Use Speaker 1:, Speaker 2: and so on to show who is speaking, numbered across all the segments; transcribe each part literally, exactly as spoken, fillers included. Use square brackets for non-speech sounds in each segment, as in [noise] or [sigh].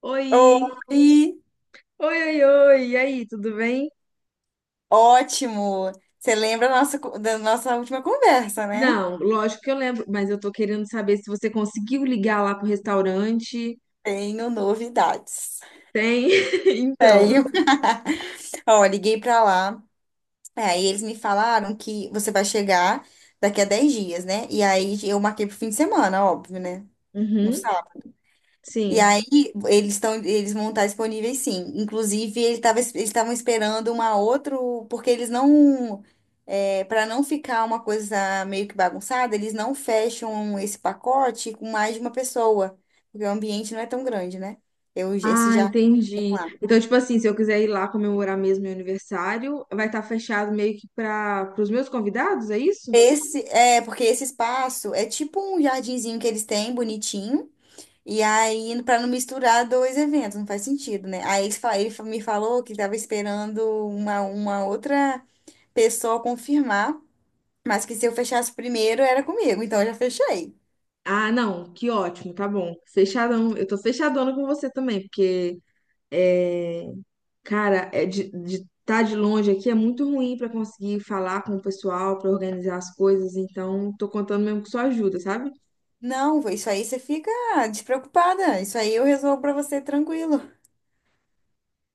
Speaker 1: Oi.
Speaker 2: Oi,
Speaker 1: Oi, oi, oi, e aí, tudo bem?
Speaker 2: ótimo. Você lembra da nossa, co- da nossa última conversa, né?
Speaker 1: Não, lógico que eu lembro, mas eu tô querendo saber se você conseguiu ligar lá pro restaurante.
Speaker 2: Tenho novidades.
Speaker 1: Tem, [laughs] então.
Speaker 2: Tenho. [laughs] Ó, liguei pra lá. É, aí eles me falaram que você vai chegar daqui a dez dias, né? E aí eu marquei pro fim de semana, óbvio, né? No
Speaker 1: Uhum,
Speaker 2: sábado. E
Speaker 1: sim.
Speaker 2: aí, eles estão, eles vão estar disponíveis, sim. Inclusive, ele tava, eles estavam esperando uma outro, porque eles não, para não ficar uma coisa meio que bagunçada, eles não fecham esse pacote com mais de uma pessoa, porque o ambiente não é tão grande, né? Eu, esse
Speaker 1: Ah,
Speaker 2: jardim que tem
Speaker 1: entendi.
Speaker 2: lá.
Speaker 1: Então, tipo assim, se eu quiser ir lá comemorar mesmo meu aniversário, vai estar fechado meio que para os meus convidados, é isso?
Speaker 2: Esse, é, porque esse espaço é tipo um jardinzinho que eles têm, bonitinho. E aí, para não misturar dois eventos, não faz sentido, né? Aí ele, fa- ele fa- me falou que estava esperando uma, uma outra pessoa confirmar, mas que se eu fechasse primeiro era comigo, então eu já fechei.
Speaker 1: Ah, não, que ótimo, tá bom. Fechadão, eu tô fechadona com você também, porque cara, é de estar de longe aqui é muito ruim pra conseguir falar com o pessoal, pra organizar as coisas, então tô contando mesmo com sua ajuda, sabe?
Speaker 2: Não, vô, isso aí você fica despreocupada. Isso aí eu resolvo pra você tranquilo.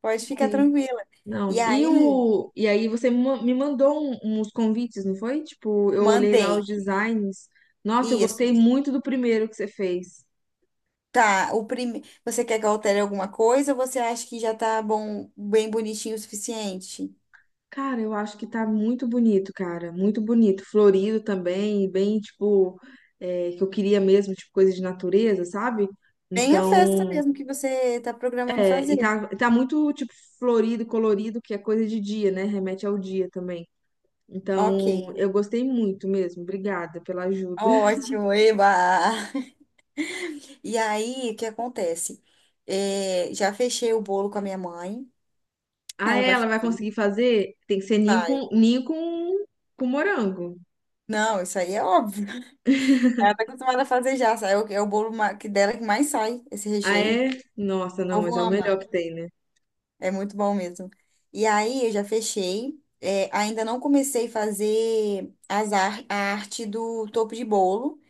Speaker 2: Pode ficar
Speaker 1: Sei.
Speaker 2: tranquila. E
Speaker 1: Não, e
Speaker 2: aí,
Speaker 1: o e aí você me ma- me mandou um- uns convites, não foi? Tipo, eu olhei lá os
Speaker 2: mandei.
Speaker 1: designs. Nossa, eu
Speaker 2: Isso.
Speaker 1: gostei muito do primeiro que você fez.
Speaker 2: Tá, o prime... você quer que eu altere alguma coisa ou você acha que já tá bom, bem bonitinho o suficiente?
Speaker 1: Cara, eu acho que tá muito bonito, cara, muito bonito, florido também, bem tipo é, que eu queria mesmo, tipo coisa de natureza, sabe?
Speaker 2: Bem a festa
Speaker 1: Então,
Speaker 2: mesmo que você tá programando
Speaker 1: é, e
Speaker 2: fazer.
Speaker 1: tá, tá muito, tipo, florido, colorido, que é coisa de dia, né? Remete ao dia também.
Speaker 2: Ok.
Speaker 1: Então, eu gostei muito mesmo. Obrigada pela ajuda. [laughs]
Speaker 2: Ótimo, eba! E aí, o que acontece? É, já fechei o bolo com a minha mãe.
Speaker 1: Ah,
Speaker 2: Ela
Speaker 1: é,
Speaker 2: vai
Speaker 1: ela vai conseguir
Speaker 2: fazer.
Speaker 1: fazer? Tem que ser ninho
Speaker 2: Vai.
Speaker 1: com, ninho com, com morango.
Speaker 2: Não, isso aí é óbvio. [laughs] Ela tá acostumada a fazer já, sabe? É o, é o bolo ma- que dela que mais sai, esse
Speaker 1: Ah,
Speaker 2: recheio.
Speaker 1: é? Nossa,
Speaker 2: O
Speaker 1: não,
Speaker 2: povo
Speaker 1: mas é o melhor
Speaker 2: ama.
Speaker 1: que tem, né?
Speaker 2: É muito bom mesmo. E aí eu já fechei. É, ainda não comecei a fazer as ar- a arte do topo de bolo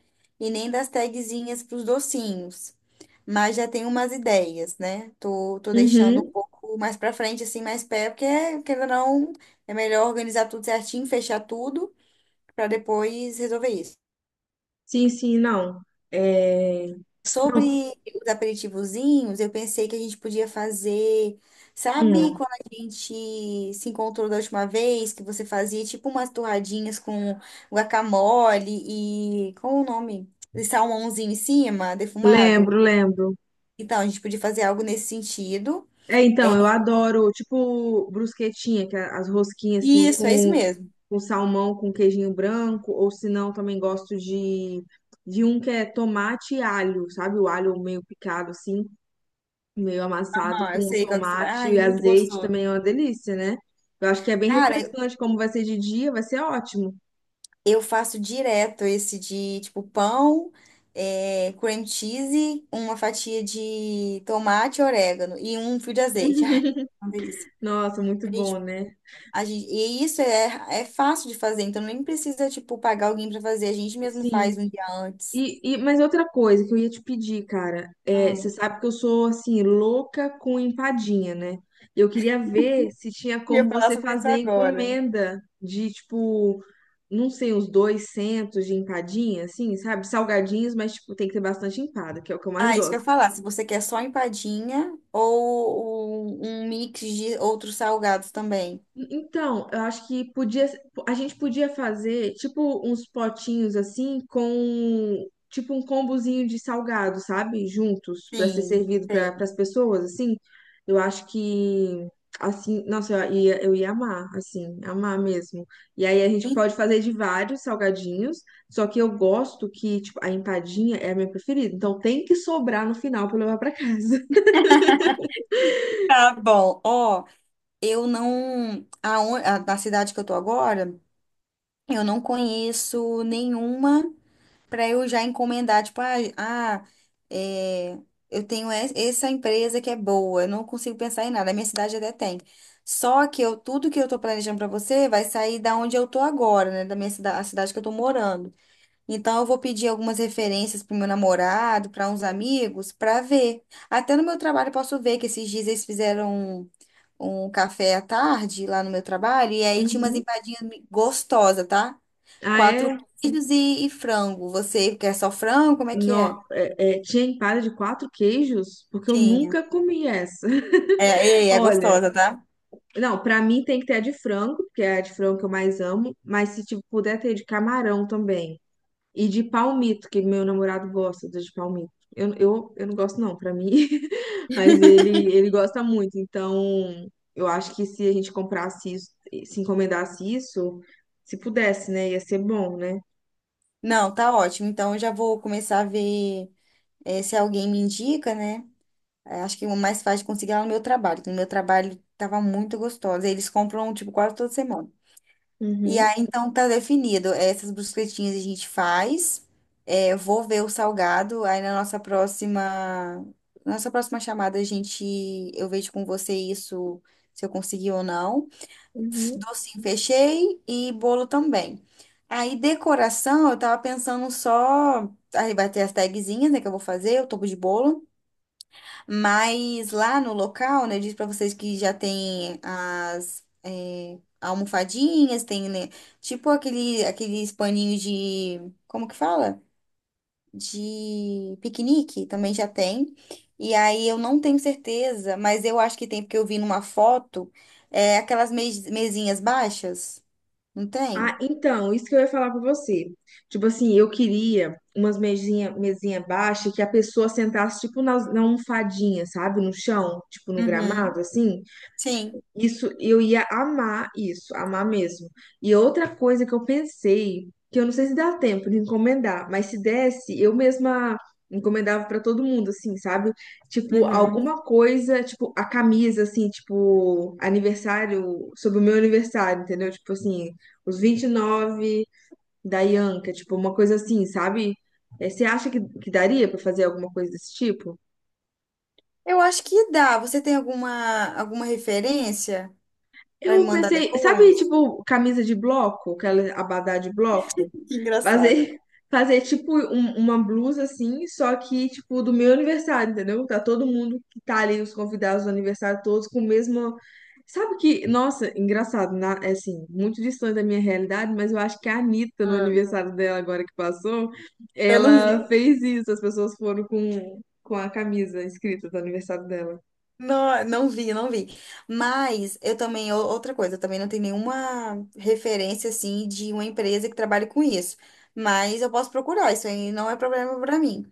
Speaker 2: e nem das tagzinhas para os docinhos. Mas já tenho umas ideias, né? Tô, tô deixando um
Speaker 1: Uhum.
Speaker 2: pouco mais para frente, assim, mais perto, porque, querendo ou não, é melhor organizar tudo certinho, fechar tudo, para depois resolver isso.
Speaker 1: Sim, sim, não. É... Não,
Speaker 2: Sobre os aperitivozinhos, eu pensei que a gente podia fazer. Sabe
Speaker 1: hum,
Speaker 2: quando a gente se encontrou da última vez, que você fazia tipo umas torradinhas com guacamole e, qual o nome? E salmãozinho em cima, defumado?
Speaker 1: lembro, lembro.
Speaker 2: Então, a gente podia fazer algo nesse sentido.
Speaker 1: É, então, eu adoro, tipo, brusquetinha, que é as rosquinhas, assim,
Speaker 2: Isso, é isso
Speaker 1: com
Speaker 2: mesmo.
Speaker 1: com salmão, com queijinho branco, ou se não, também gosto de, de um que é tomate e alho, sabe? O alho meio picado assim, meio amassado
Speaker 2: Ah, eu
Speaker 1: com
Speaker 2: sei qual que você vai.
Speaker 1: tomate
Speaker 2: Ai,
Speaker 1: e
Speaker 2: muito
Speaker 1: azeite
Speaker 2: gostoso.
Speaker 1: também é uma delícia, né? Eu acho que é bem
Speaker 2: Cara,
Speaker 1: refrescante, como vai ser de dia, vai ser ótimo.
Speaker 2: eu faço direto esse de tipo pão, é, cream cheese, uma fatia de tomate, orégano e um fio de azeite. Ai, uma delícia.
Speaker 1: Nossa, muito
Speaker 2: A
Speaker 1: bom,
Speaker 2: gente-
Speaker 1: né?
Speaker 2: a gente- e isso é, é fácil de fazer, então nem precisa tipo pagar alguém para fazer, a gente mesmo
Speaker 1: Sim.
Speaker 2: faz um dia antes.
Speaker 1: E, e, mas outra coisa que eu ia te pedir, cara, é, você
Speaker 2: Hum.
Speaker 1: sabe que eu sou assim louca com empadinha, né? Eu queria ver se tinha
Speaker 2: E eu
Speaker 1: como
Speaker 2: ia falar
Speaker 1: você
Speaker 2: sobre isso
Speaker 1: fazer
Speaker 2: agora.
Speaker 1: encomenda de tipo, não sei, uns duzentas de empadinha, assim, sabe? Salgadinhos, mas tipo tem que ter bastante empada, que é o que eu mais
Speaker 2: Ah, isso que eu
Speaker 1: gosto.
Speaker 2: ia falar, se você quer só empadinha ou um um mix de outros salgados também.
Speaker 1: Então, eu acho que podia, a gente podia fazer tipo uns potinhos assim com tipo um combozinho de salgado, sabe? Juntos para ser
Speaker 2: Sim,
Speaker 1: servido para
Speaker 2: tem.
Speaker 1: as pessoas assim. Eu acho que assim, nossa, eu ia, eu ia amar, assim, amar mesmo. E aí a gente pode fazer de vários salgadinhos, só que eu gosto que tipo a empadinha é a minha preferida. Então tem que sobrar no final para levar para casa.
Speaker 2: Tá bom, ó. Eu não. Aon- a, na cidade que eu tô agora, eu não conheço nenhuma para eu já encomendar, tipo, ah, ah, é, eu tenho es- essa empresa que é boa, eu não consigo pensar em nada, a minha cidade até tem. Só que eu, tudo que eu tô planejando para você vai sair da onde eu tô agora, né, da minha cidade, a cidade que eu tô morando. Então eu vou pedir algumas referências pro meu namorado, para uns amigos, para ver. Até no meu trabalho eu posso ver que esses dias eles fizeram um café à tarde lá no meu trabalho e aí tinha umas
Speaker 1: Uhum.
Speaker 2: empadinhas mi- gostosas, tá?
Speaker 1: Ah,
Speaker 2: Quatro
Speaker 1: é?
Speaker 2: queijos e, e frango. Você quer só frango? Como é que
Speaker 1: No,
Speaker 2: é?
Speaker 1: é, é, tinha empada de quatro queijos, porque eu
Speaker 2: Tinha.
Speaker 1: nunca comi essa.
Speaker 2: É,
Speaker 1: [laughs]
Speaker 2: é, é
Speaker 1: Olha,
Speaker 2: gostosa, tá?
Speaker 1: não, pra mim tem que ter a de frango, porque é a de frango que eu mais amo, mas se tipo, puder ter de camarão também. E de palmito, que meu namorado gosta do de palmito. Eu, eu, eu não gosto não, pra mim, [laughs] mas ele, ele gosta muito. Então, eu acho que se a gente comprasse isso, se encomendasse isso, se pudesse, né, ia ser bom, né?
Speaker 2: Não, tá ótimo. Então eu já vou começar a ver, é, se alguém me indica, né? É, acho que o mais fácil de conseguir é lá no meu trabalho. Que No meu trabalho tava muito gostosa. Eles compram, tipo, quase toda semana. E
Speaker 1: Uhum,
Speaker 2: aí, então, tá definido. Essas brusquetinhas a gente faz. É, eu vou ver o salgado. Aí, na nossa próxima, nossa próxima chamada, a gente, eu vejo com você isso, se eu consegui ou não.
Speaker 1: uhum.
Speaker 2: Docinho fechei e bolo também. Aí, decoração, eu tava pensando só. Aí vai ter as tagzinhas, né, que eu vou fazer, o topo de bolo. Mas lá no local, né, eu disse pra vocês que já tem as é, almofadinhas, tem, né, tipo aquele, aqueles paninhos de, como que fala? De piquenique, também já tem. E aí eu não tenho certeza, mas eu acho que tem, porque eu vi numa foto, é, aquelas mes- mesinhas baixas, não
Speaker 1: Ah,
Speaker 2: tem?
Speaker 1: então, isso que eu ia falar pra você. Tipo assim, eu queria umas mesinha, mesinha baixa que a pessoa sentasse tipo na, na almofadinha, sabe? No chão, tipo no gramado,
Speaker 2: Uhum.
Speaker 1: assim.
Speaker 2: Sim.
Speaker 1: Isso, eu ia amar isso, amar mesmo. E outra coisa que eu pensei, que eu não sei se dá tempo de encomendar, mas se desse, eu mesma encomendava pra todo mundo, assim, sabe? Tipo,
Speaker 2: Uhum.
Speaker 1: alguma coisa, tipo, a camisa, assim, tipo, aniversário, sobre o meu aniversário, entendeu? Tipo assim, os vinte e nove da Ianca, tipo, uma coisa assim, sabe? Eh, Você acha que, que daria pra fazer alguma coisa desse tipo?
Speaker 2: Eu acho que dá. Você tem alguma, alguma referência pra me
Speaker 1: Eu
Speaker 2: mandar
Speaker 1: pensei, sabe,
Speaker 2: depois?
Speaker 1: tipo, camisa de bloco, aquela abadá de bloco?
Speaker 2: [laughs] Que engraçado.
Speaker 1: Fazer, fazer tipo um- uma blusa assim, só que tipo do meu aniversário, entendeu? Tá todo mundo que tá ali, os convidados do aniversário, todos com o mesmo. Sabe que, nossa, engraçado, na, é assim, muito distante da minha realidade, mas eu acho que a Anitta, no
Speaker 2: Ah,
Speaker 1: aniversário dela agora que passou,
Speaker 2: eu não
Speaker 1: ela
Speaker 2: vi.
Speaker 1: fez isso, as pessoas foram com, com a camisa escrita do aniversário dela.
Speaker 2: Não, não vi, não vi. Mas eu também, ou- outra coisa, eu também não tenho nenhuma referência assim de uma empresa que trabalhe com isso. Mas eu posso procurar, isso aí não é problema para mim.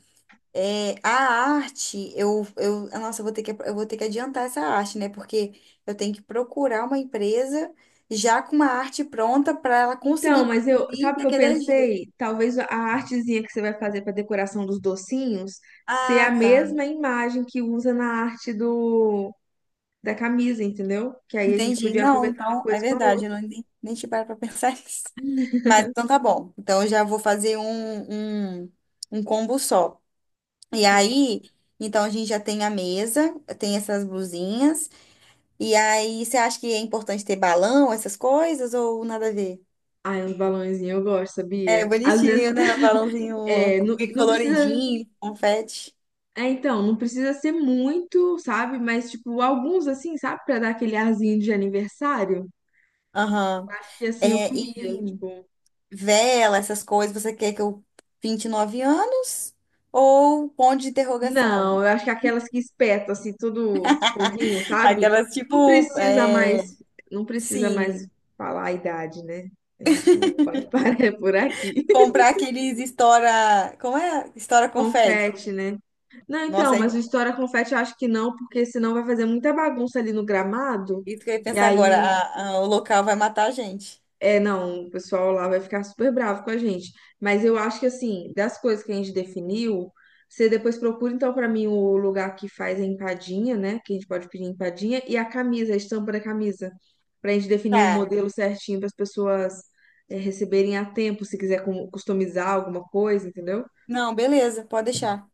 Speaker 2: É, a arte, eu, eu, ah, nossa, eu vou ter que, eu vou ter que adiantar essa arte, né? Porque eu tenho que procurar uma empresa já com uma arte pronta para ela
Speaker 1: Então,
Speaker 2: conseguir
Speaker 1: mas eu,
Speaker 2: produzir
Speaker 1: sabe o que eu
Speaker 2: daqui a dez dias.
Speaker 1: pensei? Talvez a artezinha que você vai fazer para decoração dos docinhos ser a
Speaker 2: Ah, tá.
Speaker 1: mesma imagem que usa na arte do da camisa, entendeu? Que aí a gente
Speaker 2: Entendi.
Speaker 1: podia
Speaker 2: Não,
Speaker 1: aproveitar uma
Speaker 2: então, é
Speaker 1: coisa com a
Speaker 2: verdade, eu
Speaker 1: outra.
Speaker 2: não, nem, nem te paro para pensar [laughs] nisso. Mas então tá bom. Então eu já vou fazer um, um, um combo só. E
Speaker 1: Sim.
Speaker 2: aí, então a gente já tem a mesa, tem essas blusinhas. E aí, você acha que é importante ter balão, essas coisas, ou nada a ver?
Speaker 1: Ai, uns balãozinhos, eu gosto,
Speaker 2: É
Speaker 1: sabia? Às
Speaker 2: bonitinho,
Speaker 1: vezes,
Speaker 2: né? O
Speaker 1: [laughs]
Speaker 2: balãozinho
Speaker 1: é, não,
Speaker 2: meio
Speaker 1: não precisa.
Speaker 2: coloridinho, confete.
Speaker 1: É, então, não precisa ser muito, sabe? Mas, tipo, alguns assim, sabe? Pra dar aquele arzinho de aniversário. Eu
Speaker 2: Aham.
Speaker 1: acho que assim eu
Speaker 2: É,
Speaker 1: queria.
Speaker 2: e
Speaker 1: Tipo,
Speaker 2: vela, essas coisas, você quer que eu pinte nove anos? Ou ponto de interrogação?
Speaker 1: não, eu acho que aquelas que espetam assim tudo foguinho,
Speaker 2: [laughs]
Speaker 1: sabe?
Speaker 2: Aquelas
Speaker 1: Não
Speaker 2: tipo,
Speaker 1: precisa mais,
Speaker 2: é,
Speaker 1: não precisa mais
Speaker 2: sim.
Speaker 1: falar a idade, né? A gente não pode [laughs] parar por aqui.
Speaker 2: Comprar aqueles estoura. Como é? Estoura confete.
Speaker 1: Confete, né? Não, então,
Speaker 2: Nossa, é
Speaker 1: mas o História Confete eu acho que não, porque senão vai fazer muita bagunça ali no gramado.
Speaker 2: isso que eu ia
Speaker 1: E
Speaker 2: pensar agora.
Speaker 1: aí
Speaker 2: A- a- o local vai matar a gente.
Speaker 1: é, não, o pessoal lá vai ficar super bravo com a gente. Mas eu acho que, assim, das coisas que a gente definiu, você depois procura, então, pra mim, o lugar que faz a empadinha, né? Que a gente pode pedir empadinha, e a camisa, a estampa da camisa. Pra gente definir um
Speaker 2: Tá.
Speaker 1: modelo certinho para as pessoas, é, receberem a tempo, se quiser cu- customizar alguma coisa, entendeu?
Speaker 2: Não, beleza, pode deixar.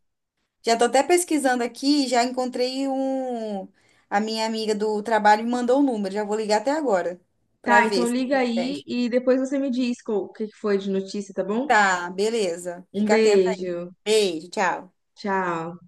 Speaker 2: Já tô até pesquisando aqui, já encontrei um. A minha amiga do trabalho me mandou o número. Já vou ligar até agora pra
Speaker 1: Tá,
Speaker 2: ver
Speaker 1: então
Speaker 2: se
Speaker 1: liga aí
Speaker 2: pede.
Speaker 1: e depois você me diz co- o que que foi de notícia, tá bom?
Speaker 2: Tá, beleza.
Speaker 1: Um
Speaker 2: Fica atenta aí.
Speaker 1: beijo,
Speaker 2: Beijo, tchau.
Speaker 1: tchau.